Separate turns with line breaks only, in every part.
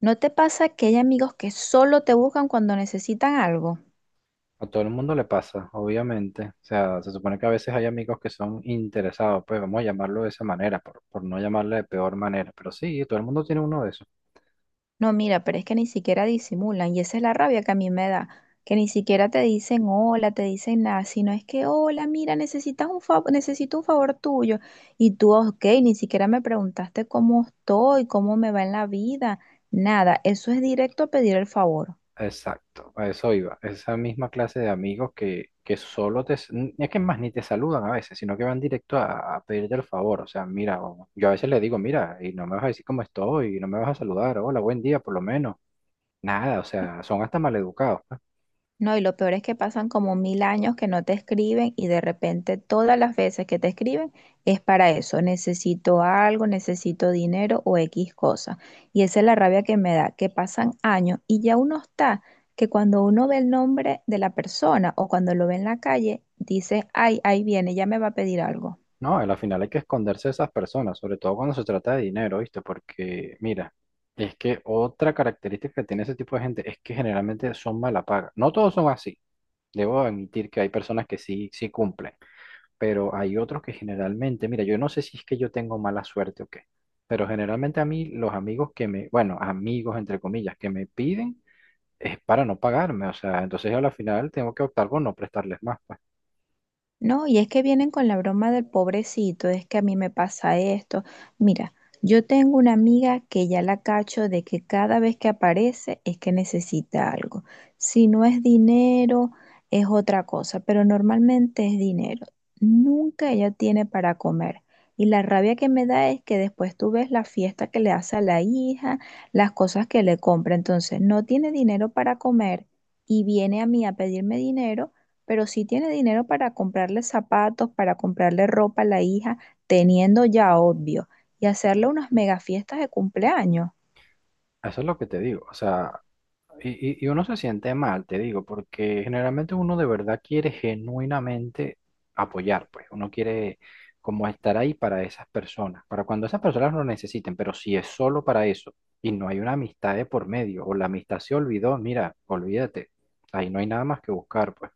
¿No te pasa que hay amigos que solo te buscan cuando necesitan algo?
A todo el mundo le pasa, obviamente. O sea, se supone que a veces hay amigos que son interesados, pues vamos a llamarlo de esa manera, por no llamarle de peor manera. Pero sí, todo el mundo tiene uno de esos.
No, mira, pero es que ni siquiera disimulan y esa es la rabia que a mí me da, que ni siquiera te dicen hola, te dicen nada, sino es que hola, mira, necesitas un favor, necesito un favor tuyo y tú, ok, ni siquiera me preguntaste cómo estoy, cómo me va en la vida, nada, eso es directo a pedir el favor.
Exacto, a eso iba. Esa misma clase de amigos que solo te... Es que más ni te saludan a veces, sino que van directo a pedirte el favor. O sea, mira, yo a veces le digo, mira, y no me vas a decir cómo estoy, y no me vas a saludar, hola, buen día, por lo menos. Nada, o sea, son hasta maleducados, pues.
No, y lo peor es que pasan como mil años que no te escriben y de repente todas las veces que te escriben es para eso. Necesito algo, necesito dinero o X cosa. Y esa es la rabia que me da, que pasan años y ya uno está, que cuando uno ve el nombre de la persona o cuando lo ve en la calle, dice, ay, ahí viene, ya me va a pedir algo.
No, y al final hay que esconderse de esas personas, sobre todo cuando se trata de dinero, ¿viste? Porque, mira, es que otra característica que tiene ese tipo de gente es que generalmente son mala paga. No todos son así. Debo admitir que hay personas que sí, sí cumplen, pero hay otros que generalmente, mira, yo no sé si es que yo tengo mala suerte o qué, pero generalmente a mí los amigos que me, bueno, amigos entre comillas, que me piden es para no pagarme, o sea, entonces yo al final tengo que optar por no prestarles más, pues.
No, y es que vienen con la broma del pobrecito, es que a mí me pasa esto. Mira, yo tengo una amiga que ya la cacho de que cada vez que aparece es que necesita algo. Si no es dinero, es otra cosa, pero normalmente es dinero. Nunca ella tiene para comer. Y la rabia que me da es que después tú ves la fiesta que le hace a la hija, las cosas que le compra. Entonces, no tiene dinero para comer y viene a mí a pedirme dinero pero sí tiene dinero para comprarle zapatos, para comprarle ropa a la hija, teniendo ya obvio, y hacerle unas mega fiestas de cumpleaños.
Eso es lo que te digo, o sea. Y, y uno se siente mal, te digo, porque generalmente uno de verdad quiere genuinamente apoyar, pues uno quiere como estar ahí para esas personas, para cuando esas personas lo necesiten, pero si es solo para eso y no hay una amistad de por medio o la amistad se olvidó, mira, olvídate, ahí no hay nada más que buscar, pues.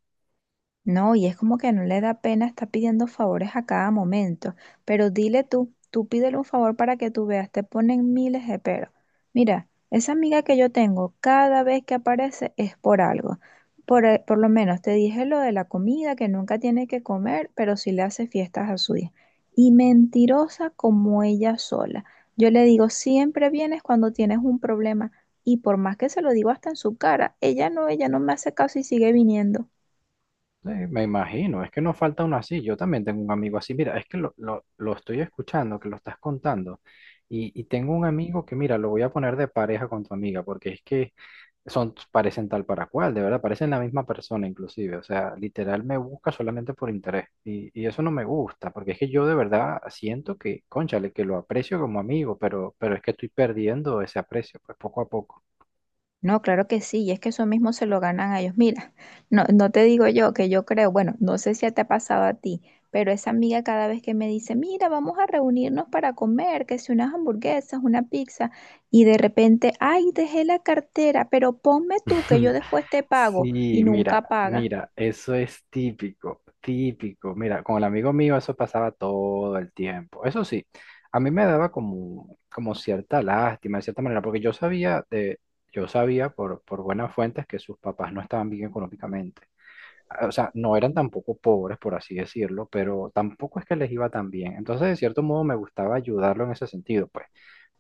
No, y es como que no le da pena estar pidiendo favores a cada momento. Pero dile tú, tú pídele un favor para que tú veas, te ponen miles de peros. Mira, esa amiga que yo tengo, cada vez que aparece es por algo. Por lo menos te dije lo de la comida, que nunca tiene que comer, pero sí le hace fiestas a su hija. Y mentirosa como ella sola. Yo le digo, siempre vienes cuando tienes un problema. Y por más que se lo digo hasta en su cara, ella no me hace caso y sigue viniendo.
Sí, me imagino, es que no falta uno así, yo también tengo un amigo así, mira, es que lo estoy escuchando, que lo estás contando, y tengo un amigo que, mira, lo voy a poner de pareja con tu amiga, porque es que... son, parecen tal para cual, de verdad, parecen la misma persona inclusive, o sea, literal me busca solamente por interés y eso no me gusta, porque es que yo de verdad siento que, cónchale, que lo aprecio como amigo, pero es que estoy perdiendo ese aprecio, pues poco a poco.
No, claro que sí, y es que eso mismo se lo ganan a ellos. Mira, no te digo yo que yo creo, bueno, no sé si te ha pasado a ti, pero esa amiga cada vez que me dice, mira, vamos a reunirnos para comer, que si unas hamburguesas, una pizza, y de repente, ay, dejé la cartera, pero ponme tú que yo después te pago, y
Sí, mira,
nunca paga.
mira, eso es típico, típico. Mira, con el amigo mío eso pasaba todo el tiempo. Eso sí, a mí me daba como, como cierta lástima, de cierta manera, porque yo sabía por buenas fuentes que sus papás no estaban bien económicamente, o sea, no eran tampoco pobres, por así decirlo, pero tampoco es que les iba tan bien. Entonces, de cierto modo, me gustaba ayudarlo en ese sentido, pues.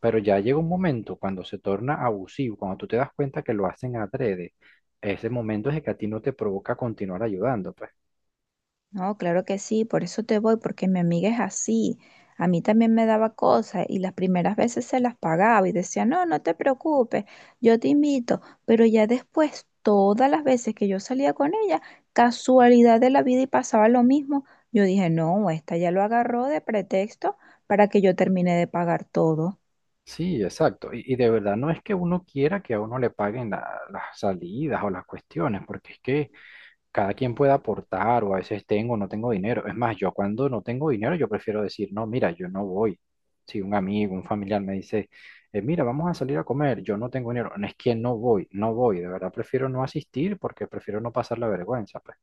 Pero ya llega un momento cuando se torna abusivo, cuando tú te das cuenta que lo hacen adrede, ese momento es el que a ti no te provoca continuar ayudando, pues.
No, claro que sí, por eso te voy, porque mi amiga es así. A mí también me daba cosas y las primeras veces se las pagaba y decía, no, no te preocupes, yo te invito. Pero ya después, todas las veces que yo salía con ella, casualidad de la vida y pasaba lo mismo, yo dije, no, esta ya lo agarró de pretexto para que yo termine de pagar todo.
Sí, exacto. Y de verdad no es que uno quiera que a uno le paguen las salidas o las cuestiones, porque es que cada quien puede aportar o a veces tengo o no tengo dinero. Es más, yo cuando no tengo dinero, yo prefiero decir, no, mira, yo no voy. Si un amigo, un familiar me dice, mira, vamos a salir a comer, yo no tengo dinero", no es que no voy, no voy, de verdad prefiero no asistir porque prefiero no pasar la vergüenza, pues.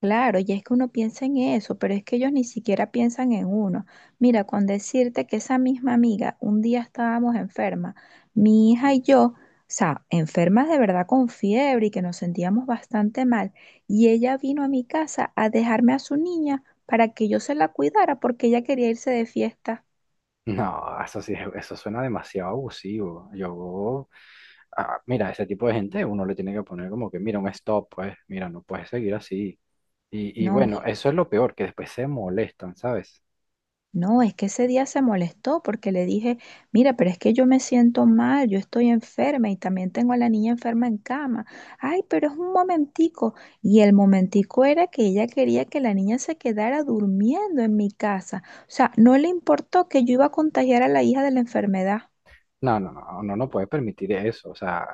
Claro, y es que uno piensa en eso, pero es que ellos ni siquiera piensan en uno. Mira, con decirte que esa misma amiga, un día estábamos enferma, mi hija y yo, o sea, enfermas de verdad con fiebre y que nos sentíamos bastante mal, y ella vino a mi casa a dejarme a su niña para que yo se la cuidara porque ella quería irse de fiesta.
No, eso sí, eso suena demasiado abusivo. Yo, mira, ese tipo de gente uno le tiene que poner como que, mira, un stop, pues, mira, no puedes seguir así. Y
No,
bueno, eso es lo peor, que después se molestan, ¿sabes?
No, es que ese día se molestó porque le dije, mira, pero es que yo me siento mal, yo estoy enferma y también tengo a la niña enferma en cama. Ay, pero es un momentico. Y el momentico era que ella quería que la niña se quedara durmiendo en mi casa. O sea, no le importó que yo iba a contagiar a la hija de la enfermedad.
No, no, no, no, no puedes permitir eso. O sea,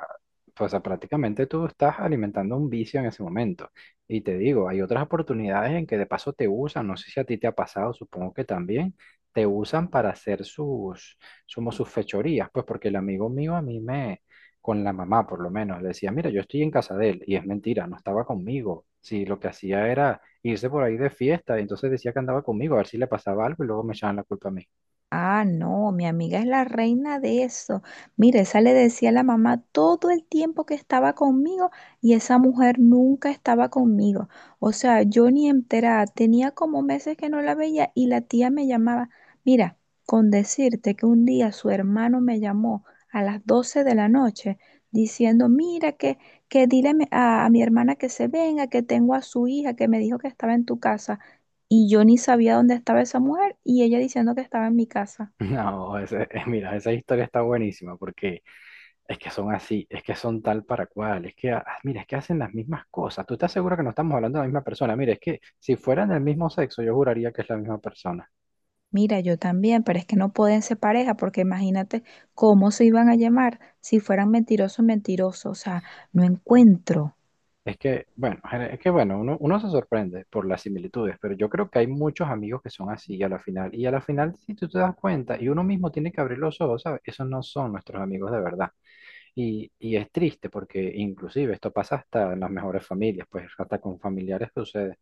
pues, o sea, prácticamente tú estás alimentando un vicio en ese momento. Y te digo, hay otras oportunidades en que de paso te usan, no sé si a ti te ha pasado, supongo que también, te usan para hacer sus, como sus fechorías, pues porque el amigo mío a mí me, con la mamá por lo menos, le decía, mira, yo estoy en casa de él, y es mentira, no estaba conmigo. Sí, lo que hacía era irse por ahí de fiesta, y entonces decía que andaba conmigo, a ver si le pasaba algo y luego me echaban la culpa a mí.
Ah, no, mi amiga es la reina de eso. Mira, esa le decía a la mamá todo el tiempo que estaba conmigo y esa mujer nunca estaba conmigo. O sea, yo ni enterada, tenía como meses que no la veía y la tía me llamaba. Mira, con decirte que un día su hermano me llamó a las 12 de la noche diciendo, mira, que dile a, a mi hermana que se venga, que tengo a su hija, que me dijo que estaba en tu casa y yo ni sabía dónde estaba esa mujer y ella diciendo que estaba en mi casa.
No, mira, esa historia está buenísima porque es que son así, es que son tal para cual, es que, ah, ah, mira, es que hacen las mismas cosas. ¿Tú estás seguro que no estamos hablando de la misma persona? Mira, es que si fueran del mismo sexo, yo juraría que es la misma persona.
Mira, yo también, pero es que no pueden ser pareja porque imagínate cómo se iban a llamar si fueran mentirosos, mentirosos. O sea, no encuentro.
Es que, bueno, es que, bueno, uno, uno se sorprende por las similitudes, pero yo creo que hay muchos amigos que son así a la final. Y a la final, si tú te das cuenta, y uno mismo tiene que abrir los ojos, ¿sabes? Esos no son nuestros amigos de verdad. Y es triste porque inclusive esto pasa hasta en las mejores familias, pues hasta con familiares sucede.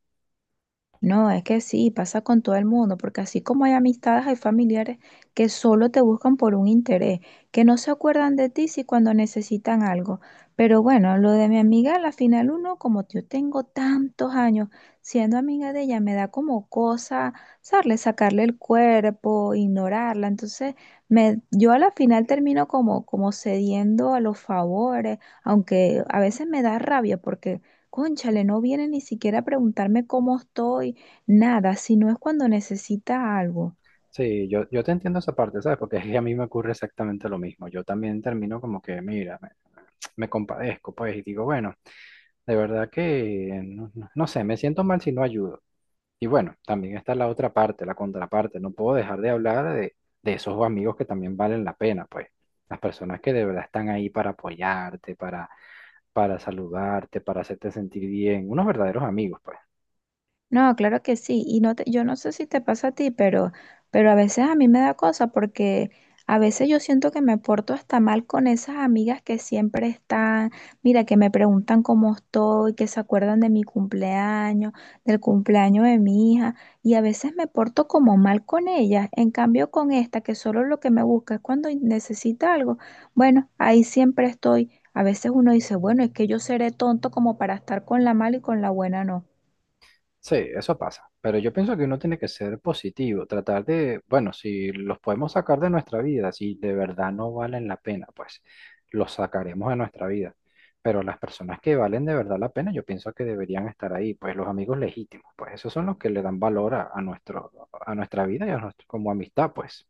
No, es que sí, pasa con todo el mundo, porque así como hay amistades, hay familiares que solo te buscan por un interés, que no se acuerdan de ti si cuando necesitan algo. Pero bueno, lo de mi amiga, a la final uno, como yo tengo tantos años siendo amiga de ella, me da como cosa sacarle, sacarle el cuerpo, ignorarla. Entonces, yo a la final termino como, como cediendo a los favores, aunque a veces me da rabia porque... Cónchale, no viene ni siquiera a preguntarme cómo estoy nada, sino es cuando necesita algo.
Sí, yo te entiendo esa parte, ¿sabes? Porque es que a mí me ocurre exactamente lo mismo. Yo también termino como que, mira, me compadezco, pues, y digo, bueno, de verdad que, no, no sé, me siento mal si no ayudo. Y bueno, también está la otra parte, la contraparte. No puedo dejar de hablar de esos amigos que también valen la pena, pues. Las personas que de verdad están ahí para apoyarte, para saludarte, para hacerte sentir bien. Unos verdaderos amigos, pues.
No, claro que sí. Y no te- yo no sé si te pasa a ti, pero a veces a mí me da cosa porque a veces yo siento que me porto hasta mal con esas amigas que siempre están, mira, que me preguntan cómo estoy, que se acuerdan de mi cumpleaños, del cumpleaños de mi hija, y a veces me porto como mal con ellas. En cambio, con esta, que solo lo que me busca es cuando necesita algo, bueno, ahí siempre estoy. A veces uno dice, bueno, es que yo seré tonto como para estar con la mala y con la buena no.
Sí, eso pasa, pero yo pienso que uno tiene que ser positivo, tratar de, bueno, si los podemos sacar de nuestra vida, si de verdad no valen la pena, pues los sacaremos de nuestra vida. Pero las personas que valen de verdad la pena, yo pienso que deberían estar ahí, pues los amigos legítimos, pues esos son los que le dan valor a nuestro, a nuestra vida y a nuestro, como amistad, pues.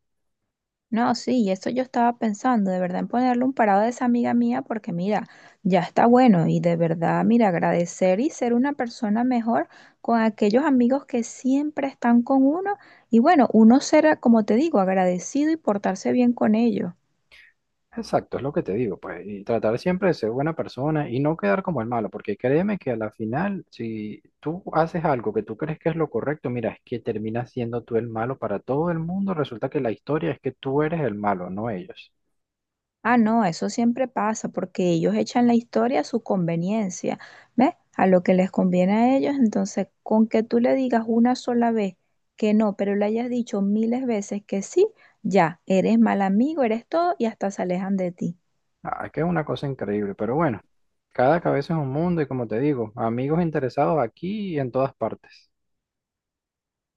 No, sí, y eso yo estaba pensando, de verdad, en ponerle un parado a esa amiga mía, porque mira, ya está bueno y de verdad, mira, agradecer y ser una persona mejor con aquellos amigos que siempre están con uno y bueno, uno será, como te digo, agradecido y portarse bien con ellos.
Exacto, es lo que te digo, pues, y tratar siempre de ser buena persona y no quedar como el malo, porque créeme que a la final, si tú haces algo que tú crees que es lo correcto, mira, es que terminas siendo tú el malo para todo el mundo, resulta que la historia es que tú eres el malo, no ellos.
Ah, no, eso siempre pasa porque ellos echan la historia a su conveniencia, ¿ves? A lo que les conviene a ellos. Entonces, con que tú le digas una sola vez que no, pero le hayas dicho miles veces que sí, ya, eres mal amigo, eres todo y hasta se alejan de ti.
Ah, es que es una cosa increíble, pero bueno, cada cabeza es un mundo y como te digo, amigos interesados aquí y en todas partes.